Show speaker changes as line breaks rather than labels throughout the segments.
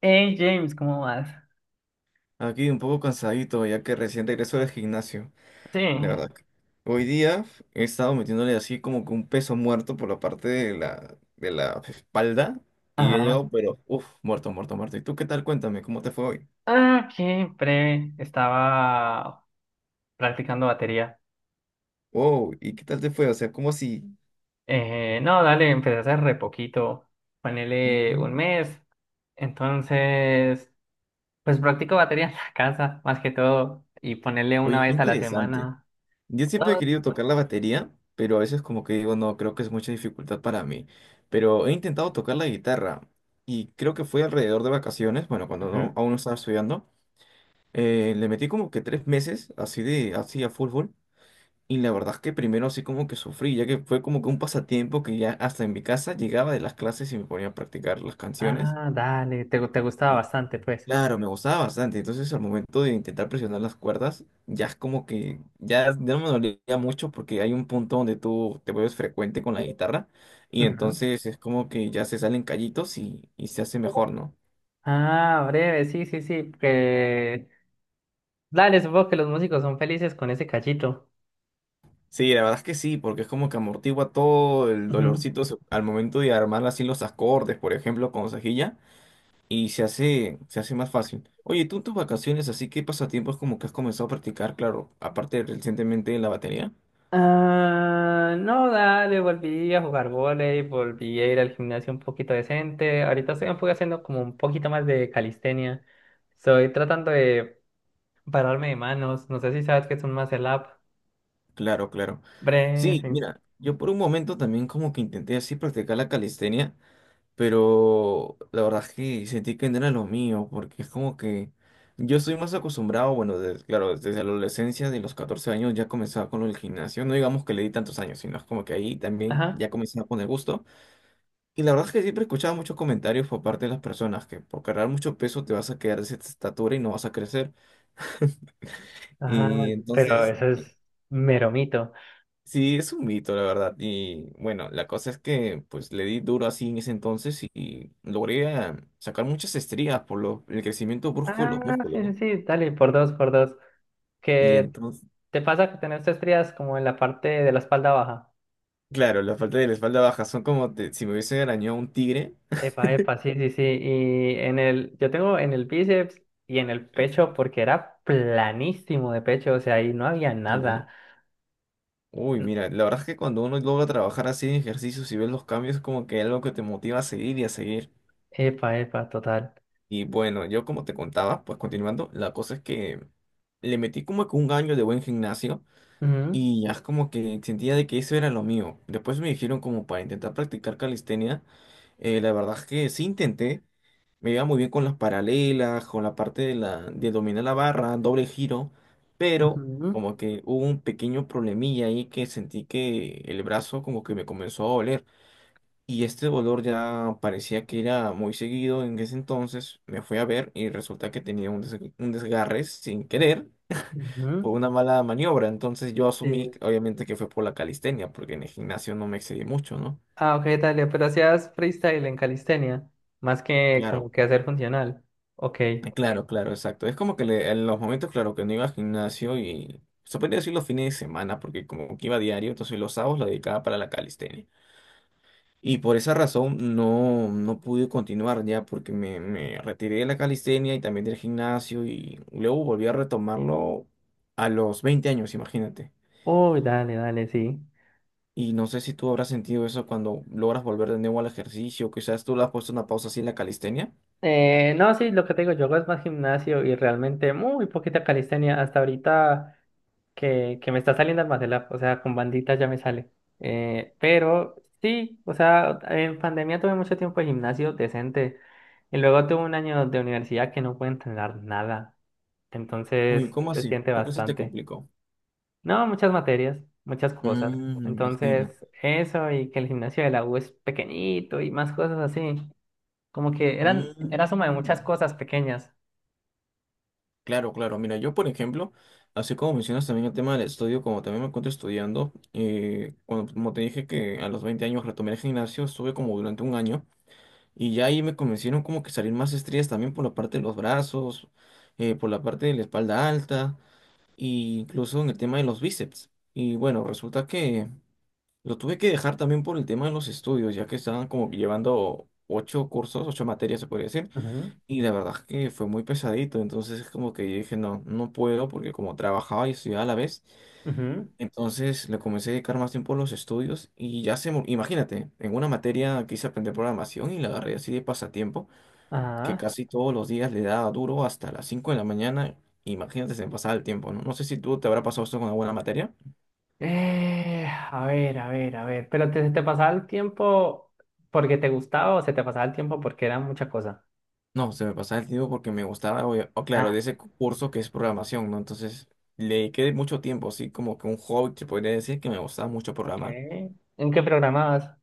Hey James, ¿cómo vas?
Aquí un poco cansadito, ya que recién regreso del gimnasio,
Sí,
la verdad. Hoy día he estado metiéndole así como que un peso muerto por la parte de la espalda y he
ajá.
llegado, pero uff, muerto, muerto, muerto. ¿Y tú qué tal? Cuéntame, ¿cómo te fue hoy?
Ah, qué breve. Estaba practicando batería.
Wow, ¿y qué tal te fue? O sea, como si...
No, dale, empecé a hacer re poquito. Ponele
Mm,
un mes. Entonces, pues practico batería en la casa, más que todo. Y ponerle una
Oye, qué
vez a la
interesante.
semana.
Yo siempre he
Dos.
querido tocar la batería, pero a veces como que digo, no, creo que es mucha dificultad para mí. Pero he intentado tocar la guitarra y creo que fue alrededor de vacaciones, bueno, cuando
Ujú.
aún no estaba estudiando. Le metí como que 3 meses así de así a fútbol y la verdad es que primero así como que sufrí, ya que fue como que un pasatiempo que ya hasta en mi casa llegaba de las clases y me ponía a practicar las canciones
Ah, dale, te gustaba
y
bastante, pues.
claro, me gustaba bastante, entonces al momento de intentar presionar las cuerdas ya es como que ya no me dolía mucho porque hay un punto donde tú te vuelves frecuente con la guitarra y
Ujú.
entonces es como que ya se salen callitos y se hace mejor, ¿no?
Ah, breve, sí, sí, sí. Que... Dale, supongo que los músicos son felices con ese cachito.
Sí, la verdad es que sí, porque es como que amortigua todo el
Ujú.
dolorcito al momento de armar así los acordes, por ejemplo, con cejilla, y se hace más fácil. Oye, tú en tus vacaciones, así que pasatiempos como que has comenzado a practicar, claro, aparte de recientemente la batería.
Ah, no, dale, volví a jugar vóley, volví a ir al gimnasio un poquito decente. Ahorita estoy un poco haciendo como un poquito más de calistenia. Estoy tratando de pararme de manos. No sé si sabes que es un muscle up.
Claro, claro. Sí,
Breathing.
mira, yo por un momento también como que intenté así practicar la calistenia. Pero la verdad es que sentí que no era lo mío, porque es como que yo estoy más acostumbrado, bueno, claro, desde la adolescencia, de los 14 años ya comenzaba con el gimnasio, no digamos que le di tantos años, sino es como que ahí también
Ajá.
ya comenzaba con el gusto. Y la verdad es que siempre escuchaba muchos comentarios por parte de las personas que por cargar mucho peso te vas a quedar de esa estatura y no vas a crecer.
Ajá,
Y
pero
entonces.
eso es mero mito.
Sí, es un mito, la verdad. Y bueno, la cosa es que pues le di duro así en ese entonces y logré sacar muchas estrías por el crecimiento brusco de
Ah,
los músculos,
sí, sí,
¿no?
sí, dale, por dos, por dos.
Y
¿Qué
entonces,
te pasa que tenés estrías como en la parte de la espalda baja?
claro, la falta de la espalda baja son como si me hubiese arañado un tigre.
Epa, epa, sí, sí, sí. Y en yo tengo en el bíceps y en el pecho porque era planísimo de pecho, o sea, ahí no había
Y,
nada.
¿no? Uy,
N-
mira, la verdad es que cuando uno logra trabajar así en ejercicios y ves los cambios, es como que algo que te motiva a seguir.
Epa, epa, total.
Y bueno, yo como te contaba, pues continuando, la cosa es que le metí como que un año de buen gimnasio.
Ujú,
Y ya es como que sentía de que eso era lo mío. Después me dijeron como para intentar practicar calistenia. La verdad es que sí intenté. Me iba muy bien con las paralelas, con la parte de la, de dominar la barra, doble giro. Pero
ujú,
como que hubo un pequeño problemilla ahí que sentí que el brazo como que me comenzó a doler. Y este dolor ya parecía que era muy seguido en ese entonces. Me fui a ver y resulta que tenía un desgarre sin querer,
ujú,
fue una mala maniobra. Entonces yo asumí,
sí.
obviamente, que fue por la calistenia, porque en el gimnasio no me excedí mucho, ¿no?
Ah, ok, dale, pero hacías freestyle en calistenia, más que como
Claro.
que hacer funcional. Ok.
Claro, claro, exacto. Es como que en los momentos, claro, que no iba al gimnasio y se podría decir los fines de semana, porque como que iba diario, entonces los sábados lo dedicaba para la calistenia. Y por esa razón no, no pude continuar ya, porque me retiré de la calistenia y también del gimnasio y luego volví a retomarlo a los 20 años, imagínate.
Uy, dale, dale, sí.
Y no sé si tú habrás sentido eso cuando logras volver de nuevo al ejercicio, quizás tú le has puesto una pausa así en la calistenia.
No, sí, lo que te digo, yo hago es más gimnasio y realmente muy poquita calistenia. Hasta ahorita. Que, me está saliendo Almacelab, o sea, con bandita ya me sale. Pero sí, o sea, en pandemia tuve mucho tiempo de gimnasio decente y luego tuve un año de universidad que no pude entrenar nada,
Uy,
entonces
¿cómo
se
así?
siente
¿Por qué se te
bastante.
complicó?
No, muchas materias, muchas cosas.
Mm, me imagino.
Entonces, eso y que el gimnasio de la U es pequeñito y más cosas así, como que era suma de
Mm,
muchas cosas pequeñas.
Claro, claro. Mira, yo por ejemplo, así como mencionas también el tema del estudio, como también me encuentro estudiando, como te dije que a los 20 años retomé el gimnasio, estuve como durante un año y ya ahí me convencieron como que salir más estrías también por la parte de los brazos, por la parte de la espalda alta, y incluso en el tema de los bíceps. Y bueno, resulta que lo tuve que dejar también por el tema de los estudios, ya que estaban como que llevando ocho cursos, ocho materias se podría decir,
Ujú.
y la verdad es que fue muy pesadito, entonces es como que yo dije, no, no puedo, porque como trabajaba y estudiaba a la vez,
Ujú.
entonces le comencé a dedicar más tiempo a los estudios y ya imagínate, en una materia quise aprender programación y la agarré así de pasatiempo que
Ajá.
casi todos los días le daba duro hasta las 5 de la mañana. Imagínate, se me pasaba el tiempo, ¿no? No sé si tú te habrá pasado esto con alguna materia.
A ver, a ver, a ver. ¿Pero se te pasaba el tiempo porque te gustaba o se te pasaba el tiempo porque era mucha cosa?
No, se me pasaba el tiempo porque me gustaba, o claro,
Ah,
de ese curso que es programación, ¿no? Entonces le dediqué mucho tiempo, así como que un hobby, se podría decir que me gustaba mucho
ok.
programar.
¿En qué programabas?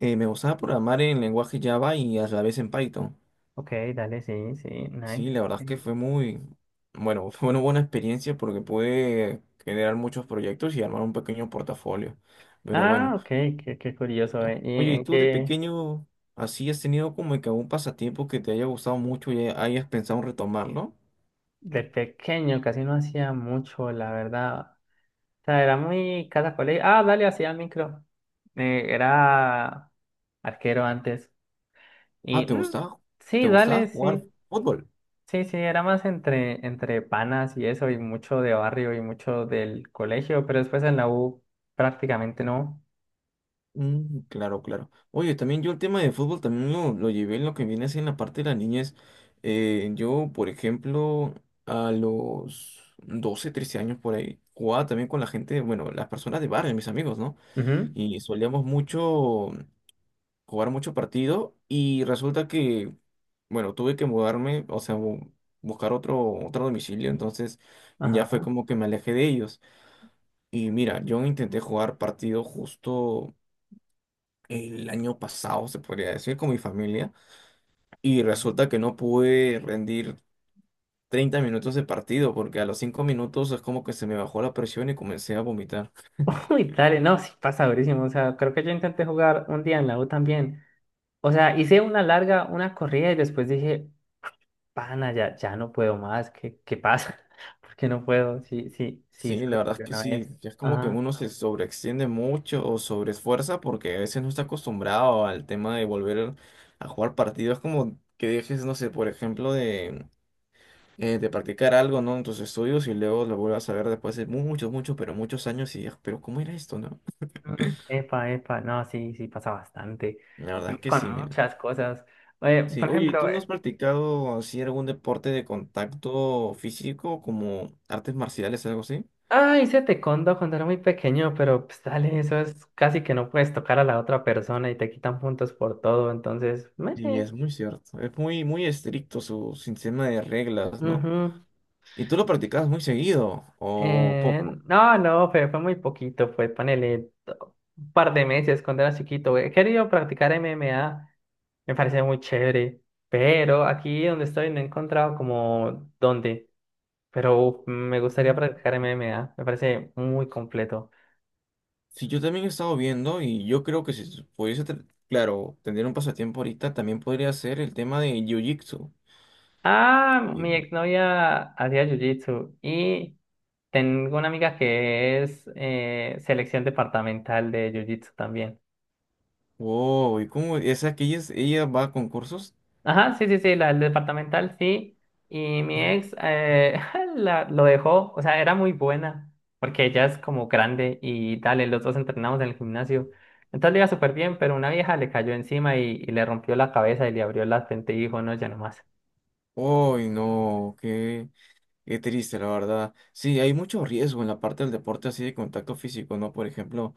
Me gustaba programar en lenguaje Java y a la vez en Python.
Ok, dale, sí, sí, nice.
Sí, la verdad es que
Ok.
fue muy, bueno, fue una buena experiencia porque pude generar muchos proyectos y armar un pequeño portafolio. Pero
Ah,
bueno.
ok, qué curioso,
Ya.
eh. ¿Y
Oye, ¿y
en
tú de
qué?
pequeño así has tenido como que algún pasatiempo que te haya gustado mucho y hayas pensado en retomarlo?
De pequeño casi no hacía mucho, la verdad. O sea, era muy cada colegio. Ah, dale, hacía micro. Era arquero antes.
Ah,
Y
¿te
mm,
gustaba? ¿Te
sí,
gustaba
dale,
jugar
sí.
fútbol?
Sí, sí, era más entre panas y eso, y mucho de barrio y mucho del colegio, pero después en la U prácticamente no.
Mm, claro, claro. Oye, también yo el tema de fútbol también lo llevé en lo que viene a ser en la parte de la niñez. Yo, por ejemplo, a los 12, 13 años por ahí, jugaba también con la gente, bueno, las personas de barrio, mis amigos, ¿no?
Ujú.
Y solíamos mucho jugar mucho partido y resulta que, bueno, tuve que mudarme, o sea, buscar otro domicilio, entonces ya fue
Ajá.
como que me alejé de ellos. Y mira, yo intenté jugar partido justo el año pasado, se podría decir, con mi familia, y resulta que no pude rendir 30 minutos de partido porque a los 5 minutos es como que se me bajó la presión y comencé a vomitar.
Uy, dale, no, sí pasa durísimo. O sea, creo que yo intenté jugar un día en la U también. O sea, hice una larga, una corrida y después dije, pana, ya, ya no puedo más. ¿Qué, qué pasa? ¿Por qué no puedo? Sí, sí, sí,
Sí, la
solo
verdad es
corrí
que
una
sí,
vez.
ya es como que
Ajá.
uno se sobreextiende mucho o sobreesfuerza porque a veces no está acostumbrado al tema de volver a jugar partidos, como que dejes, no sé, por ejemplo, de practicar algo, ¿no? En tus estudios y luego lo vuelvas a ver después de muchos, muchos, pero muchos años y digas, pero ¿cómo era esto, no?
Mm. Epa, epa, no, sí, sí pasa bastante.
La verdad es que sí,
Con
mira.
muchas cosas.
Sí,
Por
oye, ¿y
ejemplo,
tú no has practicado así algún deporte de contacto físico como artes marciales, algo así?
ah, hice taekwondo cuando era muy pequeño, pero pues dale, eso es casi que no puedes tocar a la otra persona y te quitan puntos por todo, entonces,
Sí,
meh,
es muy cierto. Es muy, muy estricto su sistema de reglas, ¿no?
ujú.
¿Y tú lo practicas muy seguido o poco?
No, fue muy poquito, fue un par de meses cuando era chiquito. He querido practicar MMA, me parece muy chévere, pero aquí donde estoy no he encontrado como dónde, pero uf, me gustaría practicar MMA, me parece muy completo.
Sí, yo también he estado viendo y yo creo que si pudiese, claro, tener un pasatiempo ahorita también podría ser el tema de Jiu-Jitsu.
Ah, mi
Y-
exnovia hacía jiu-jitsu y tengo una amiga que es selección departamental de Jiu-Jitsu también.
Wow, ¿y cómo? ¿Esa que ella, ella va a concursos?
Ajá, sí, sí, sí, la del departamental, sí. Y mi
Ujú.
ex lo dejó, o sea, era muy buena, porque ella es como grande y dale, los dos entrenamos en el gimnasio. Entonces le iba súper bien, pero una vieja le cayó encima y le rompió la cabeza y le abrió la frente y dijo, no, ya no más.
Uy, no, qué, qué triste, la verdad. Sí, hay mucho riesgo en la parte del deporte así de contacto físico, ¿no? Por ejemplo,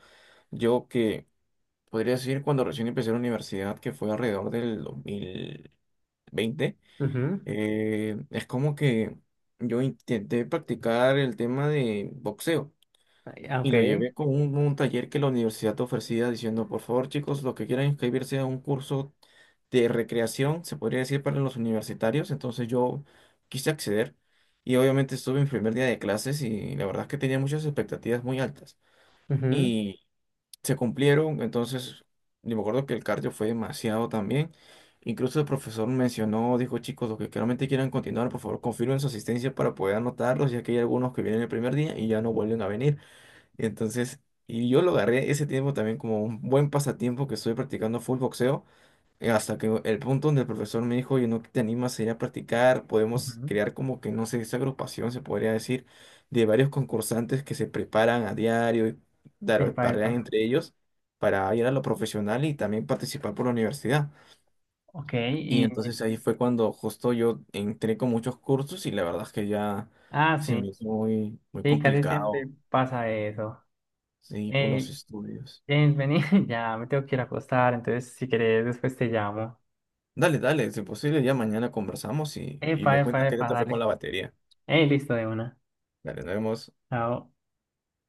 yo que podría decir cuando recién empecé la universidad, que fue alrededor del 2020.
Ujú.
Es como que yo intenté practicar el tema de boxeo
Ay, ah,
y
ok.
lo llevé con un taller que la universidad ofrecía diciendo, por favor chicos, los que quieran inscribirse a un curso de recreación, se podría decir para los universitarios, entonces yo quise acceder y obviamente estuve en primer día de clases y la verdad es que tenía muchas expectativas muy altas,
Ujú.
se cumplieron, entonces yo me acuerdo que el cardio fue demasiado también. Incluso el profesor mencionó, dijo, chicos, los que claramente quieran continuar, por favor, confirmen su asistencia para poder anotarlos, ya que hay algunos que vienen el primer día y ya no vuelven a venir. Y entonces, y yo lo agarré ese tiempo también como un buen pasatiempo que estoy practicando full boxeo, hasta que el punto donde el profesor me dijo, oye, ¿no te animas a ir a practicar? Podemos
Ujú.
crear como que, no sé, esa agrupación, se podría decir, de varios concursantes que se preparan a diario y
Epa, epa.
parean entre ellos para ir a lo profesional y también participar por la universidad.
Ok,
Y
y...
entonces ahí fue cuando justo yo entré con muchos cursos y la verdad es que ya
Ah,
se me
sí,
hizo muy, muy
sí, casi siempre
complicado,
pasa eso.
sí, por los
Hey,
estudios.
James, vení, ya me tengo que ir a acostar, entonces si querés después te llamo.
Dale, dale, si posible, ya mañana conversamos y
Epa,
me
epa,
cuentas qué tal
epa,
te fue con la
dale.
batería.
Hey, listo de una.
Dale, nos vemos.
Chao.